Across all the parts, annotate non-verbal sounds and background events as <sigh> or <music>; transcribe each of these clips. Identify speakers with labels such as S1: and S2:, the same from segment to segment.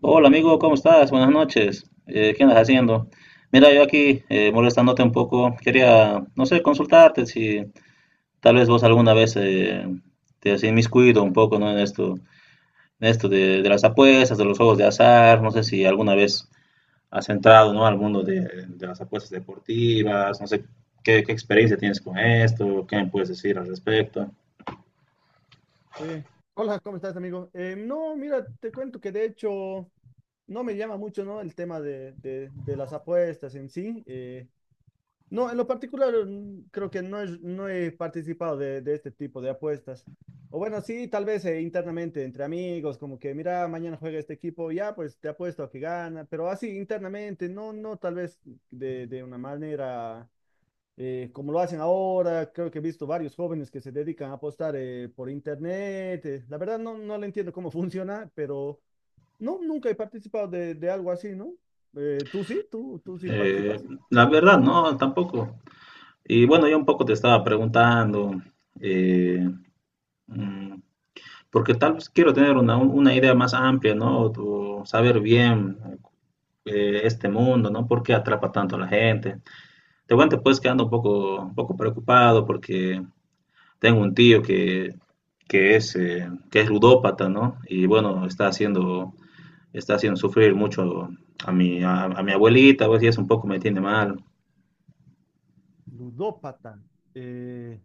S1: Hola amigo, ¿cómo estás? Buenas noches. ¿Qué andas haciendo? Mira, yo aquí molestándote un poco, quería, no sé, consultarte si tal vez vos alguna vez te has inmiscuido un poco, ¿no? En esto de las apuestas, de los juegos de azar, no sé si alguna vez has entrado, ¿no? Al mundo de las apuestas deportivas, no sé qué, qué experiencia tienes con esto, qué me puedes decir al respecto.
S2: Eh, Hola, ¿cómo estás, amigo? No, mira, te cuento que de hecho no me llama mucho, ¿no? El tema de, de las apuestas en sí. No, en lo particular creo que no, no he participado de este tipo de apuestas. O bueno, sí, tal vez internamente entre amigos, como que mira, mañana juega este equipo, ya, pues te apuesto a que gana, pero así internamente, no, no tal vez de una manera como lo hacen ahora, creo que he visto varios jóvenes que se dedican a apostar por internet. La verdad no, no le entiendo cómo <laughs> funciona, pero no, nunca he participado de algo así, ¿no? ¿Tú sí? ¿¿Tú sí
S1: Eh,
S2: participas?
S1: la verdad, no, tampoco. Y bueno, yo un poco te estaba preguntando. Mm, Porque tal vez quiero tener una idea más amplia, ¿no? O saber bien este mundo, ¿no? ¿Por qué atrapa tanto a la gente? Te cuento pues que ando un poco preocupado porque tengo un tío que es ludópata, ¿no? Y bueno, está haciendo sufrir mucho a mi abuelita, pues, y eso un poco me tiene mal.
S2: Ludópata. eh,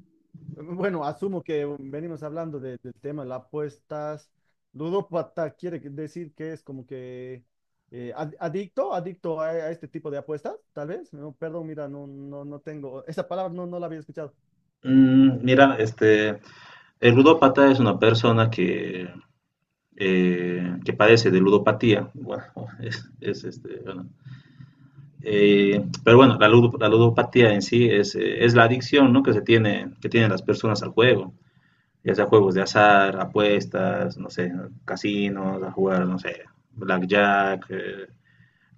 S2: bueno, asumo que venimos hablando del tema de las apuestas. Ludópata quiere decir que es como que adicto, adicto a este tipo de apuestas, tal vez. No, perdón, mira, no, no, no tengo, esa palabra no, no la había escuchado.
S1: Mira, este, el ludópata es una persona que padece de ludopatía, bueno, <laughs> es este, bueno, pero bueno, la, ludo, la, ludopatía en sí es la adicción, ¿no? Que, se tiene, que tienen las personas al juego, ya sea juegos de azar, apuestas, no sé, casinos, a jugar, no sé, blackjack,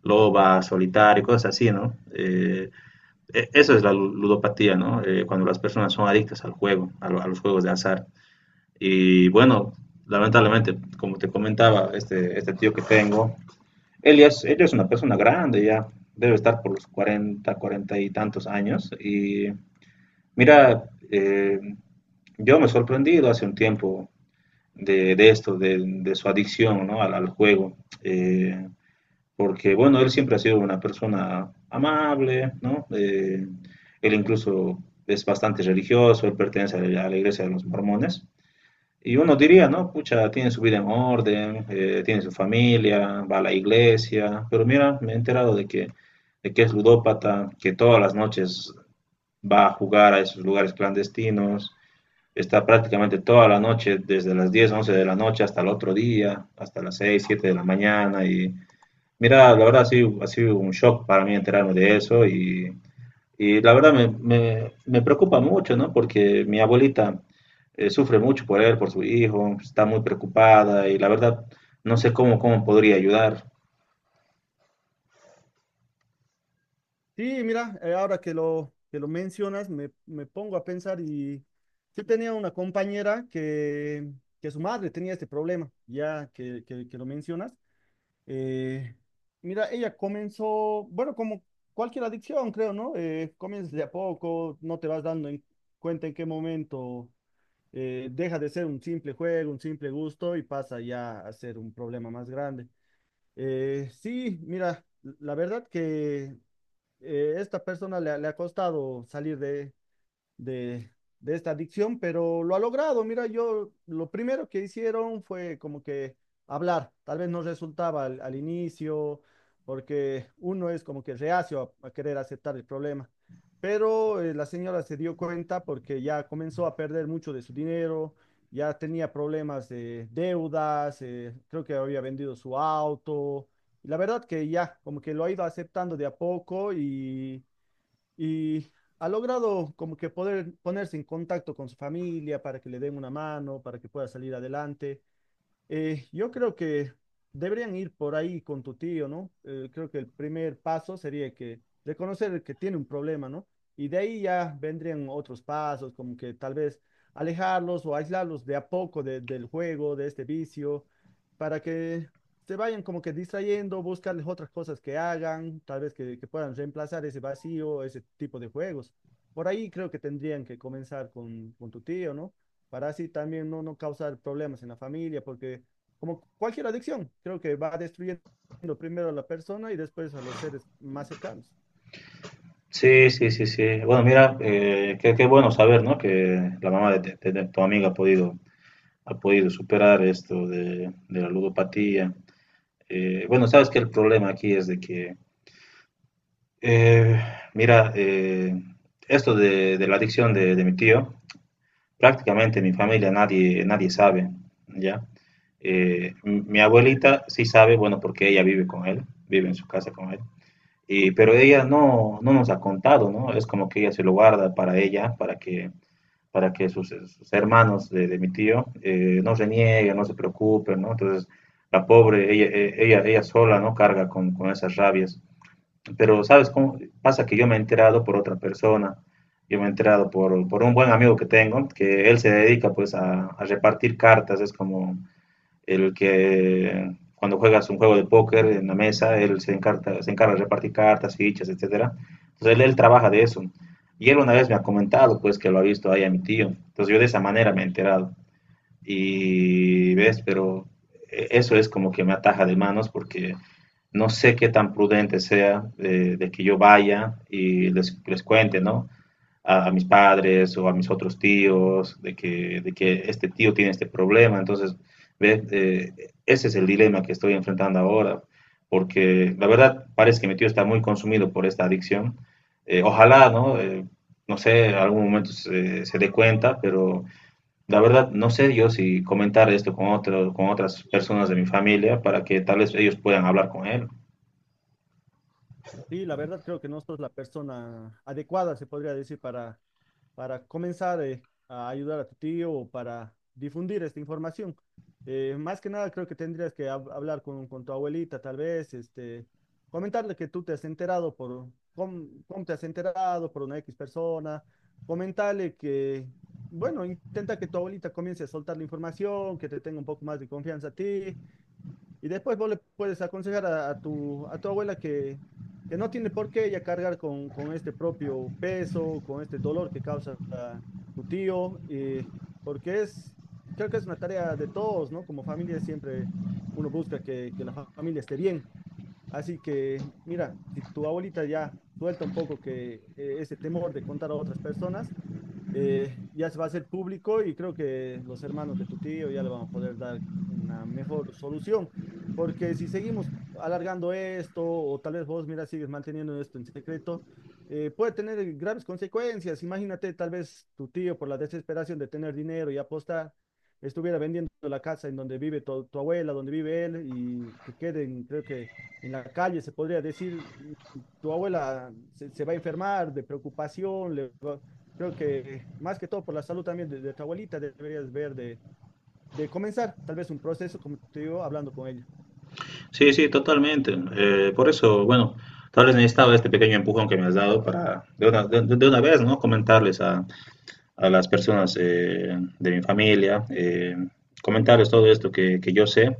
S1: loba, solitario, cosas así, ¿no? E, eso es la ludopatía, ¿no? Cuando las personas son adictas al juego, a, lo, a, los juegos de azar. Y bueno, lamentablemente, como te comentaba, este tío que tengo, él, ya es, ella es una persona grande ya, debe estar por los 40, 40 y tantos años. Y mira, yo me he sorprendido hace un tiempo de esto, de, su adicción, ¿no? Al, al, juego. Eh, Porque, bueno, él siempre ha sido una persona amable, ¿no? Él incluso es bastante religioso, él pertenece a la iglesia de los mormones. Y uno diría, ¿no? Pucha, tiene su vida en orden, tiene su familia, va a la iglesia, pero mira, me he enterado de que es ludópata, que todas las noches va a jugar a esos lugares clandestinos, está prácticamente toda la noche, desde las 10 11 de la noche hasta el otro día, hasta las 6 7 de la mañana, y mira, la verdad ha sido un shock para mí enterarme de eso y la verdad me, me preocupa mucho, ¿no? Porque mi abuelita sufre mucho por él, por su hijo, está muy preocupada y la verdad no sé cómo, cómo podría ayudar.
S2: Sí, mira, ahora que lo mencionas, me pongo a pensar y sí tenía una compañera que su madre tenía este problema, ya que lo mencionas. Eh, Mira, ella comenzó, bueno, como cualquier adicción, creo, ¿no? Comienzas de a poco, no te vas dando en cuenta en qué momento deja de ser un simple juego, un simple gusto y pasa ya a ser un problema más grande. Sí, mira, la verdad que esta persona le ha costado salir de, de esta adicción, pero lo ha logrado. Mira, yo lo primero que hicieron fue como que hablar. Tal vez no resultaba al, al inicio, porque uno es como que reacio a querer aceptar el problema. Pero la señora se dio cuenta porque ya comenzó a perder mucho de su dinero, ya tenía problemas de deudas, creo que había vendido su auto. Y la verdad que ya como que lo ha ido aceptando de a poco y y ha logrado como que poder ponerse en contacto con su familia para que le den una mano, para que pueda salir adelante. Yo creo que deberían ir por ahí con tu tío, ¿no? Creo que el primer paso sería que reconocer que tiene un problema, ¿no? Y de ahí ya vendrían otros pasos, como que tal vez alejarlos o aislarlos de a poco del juego, de este vicio, para que se vayan como que distrayendo, buscarles otras cosas que hagan, tal vez que puedan reemplazar ese vacío, ese tipo de juegos. Por ahí creo que tendrían que comenzar con tu tío, ¿no? Para así también no, no causar problemas en la familia, porque como cualquier adicción, creo que va destruyendo primero a la persona y después a los seres más cercanos.
S1: Sí, sí, sí, sí. Bueno, mira, qué, qué bueno saber, ¿no? Que la mamá de, de tu amiga ha podido superar esto de la ludopatía. Bueno, sabes que el problema aquí es de que, eh, mira, esto de la adicción de mi tío, prácticamente mi familia nadie, nadie sabe, ¿ya? Mi abuelita sí sabe, bueno, porque ella vive con él, vive en su casa con él, y, pero ella no, no nos ha contado, ¿no? Es como que ella se lo guarda para ella, para que sus, sus hermanos de mi tío no se nieguen, no se preocupen, ¿no? Entonces, la pobre, ella, ella, ella sola, ¿no? Carga con esas rabias pero ¿sabes cómo? Pasa que yo me he enterado por otra persona, yo me he enterado por un buen amigo que tengo, que él se dedica pues a repartir cartas, es como el que cuando juegas un juego de póker en la mesa, él se encarga de repartir cartas, fichas, etcétera. Entonces él trabaja de eso. Y él una vez me ha comentado pues que lo ha visto ahí a mi tío. Entonces yo de esa manera me he enterado. Y ves, pero eso es como que me ataja de manos porque no sé qué tan prudente sea de que yo vaya y les cuente, ¿no? A, mis padres o a mis otros tíos de que este tío tiene este problema. Entonces, ¿ves? Ese es el dilema que estoy enfrentando ahora, porque la verdad parece que mi tío está muy consumido por esta adicción. Ojalá, ¿no? No sé, algún momento se, se dé cuenta, pero la verdad, no sé yo si comentar esto con otro, con otras personas de mi familia para que tal vez ellos puedan hablar con él.
S2: Sí, la verdad creo que no sos la persona adecuada, se podría decir, para comenzar a ayudar a tu tío o para difundir esta información. Más que nada, creo que tendrías que hablar con tu abuelita, tal vez, este, comentarle que tú te has enterado por, cómo, cómo te has enterado por una X persona, comentarle que, bueno, intenta que tu abuelita comience a soltar la información, que te tenga un poco más de confianza a ti, y después vos le puedes aconsejar a tu abuela que no tiene por qué ella cargar con este propio peso, con este dolor que causa ah, tu tío, porque es, creo que es una tarea de todos, ¿no? Como familia siempre uno busca que la familia esté bien. Así que, mira, si tu abuelita ya suelta un poco que ese temor de contar a otras personas, ya se va a hacer público y creo que los hermanos de tu tío ya le van a poder dar una mejor solución, porque si seguimos alargando esto o tal vez vos, mira, sigues manteniendo esto en secreto, puede tener graves consecuencias. Imagínate, tal vez tu tío por la desesperación de tener dinero y apostar, estuviera vendiendo la casa en donde vive tu, tu abuela, donde vive él y que queden, creo que... En la calle se podría decir, tu abuela se, se va a enfermar de preocupación, le creo que más que todo por la salud también de tu abuelita deberías ver de comenzar tal vez un proceso, como te digo, hablando con ella.
S1: Sí, sí, totalmente. Por eso, bueno, tal vez necesitaba este pequeño empujón que me has dado para de una vez, ¿no? Comentarles a las personas de mi familia, comentarles todo esto que yo sé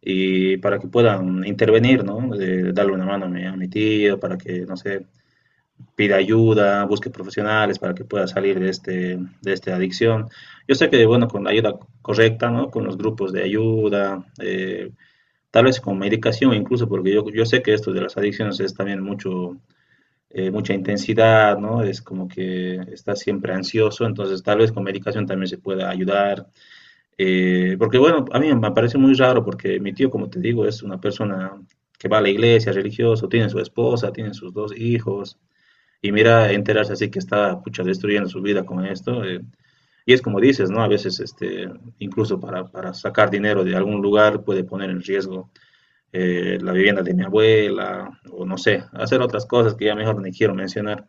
S1: y para que puedan intervenir, ¿no? De darle una mano a mi tío, para que, no sé, pida ayuda, busque profesionales para que pueda salir de, este, de esta adicción. Yo sé que, bueno, con la ayuda correcta, ¿no? Con los grupos de ayuda, tal vez con medicación incluso, porque yo sé que esto de las adicciones es también mucho, mucha intensidad, ¿no? Es como que estás siempre ansioso, entonces tal vez con medicación también se pueda ayudar. Porque bueno, a mí me parece muy raro porque mi tío, como te digo, es una persona que va a la iglesia, religioso, tiene su esposa, tiene sus dos hijos, y mira, enterarse así que está, pucha, destruyendo su vida con esto. Y es como dices, ¿no? A veces, este, incluso para sacar dinero de algún lugar puede poner en riesgo la vivienda de mi abuela o no sé, hacer otras cosas que ya mejor ni quiero mencionar.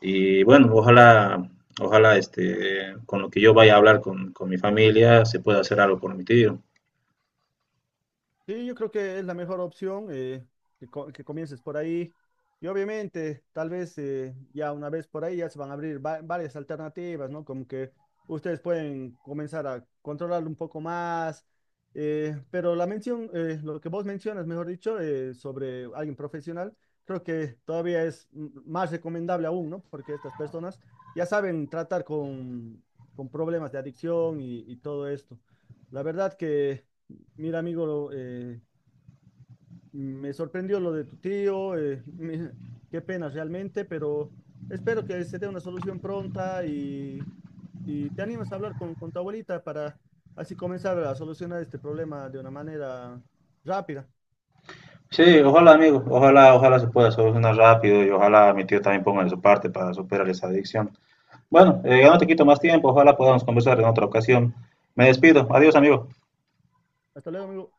S1: Y bueno, ojalá, ojalá, este, con lo que yo vaya a hablar con mi familia se pueda hacer algo por mi tío.
S2: Sí, yo creo que es la mejor opción que, que comiences por ahí. Y obviamente, tal vez ya una vez por ahí ya se van a abrir varias alternativas, ¿no? Como que ustedes pueden comenzar a controlarlo un poco más. Pero la mención, lo que vos mencionas, mejor dicho, sobre alguien profesional, creo que todavía es más recomendable aún, ¿no? Porque estas personas ya saben tratar con problemas de adicción y todo esto. La verdad que... Mira, amigo, eh, me sorprendió lo de tu tío, <laughs> qué pena realmente, pero espero que se dé una solución pronta y te animes a hablar con tu abuelita para así comenzar a solucionar este problema de una manera rápida.
S1: Sí, ojalá, amigo, ojalá, ojalá se pueda solucionar rápido y ojalá mi tío también ponga de su parte para superar esa adicción. Bueno, ya no te quito más tiempo, ojalá podamos conversar en otra ocasión. Me despido, adiós amigo.
S2: Hasta luego, amigo.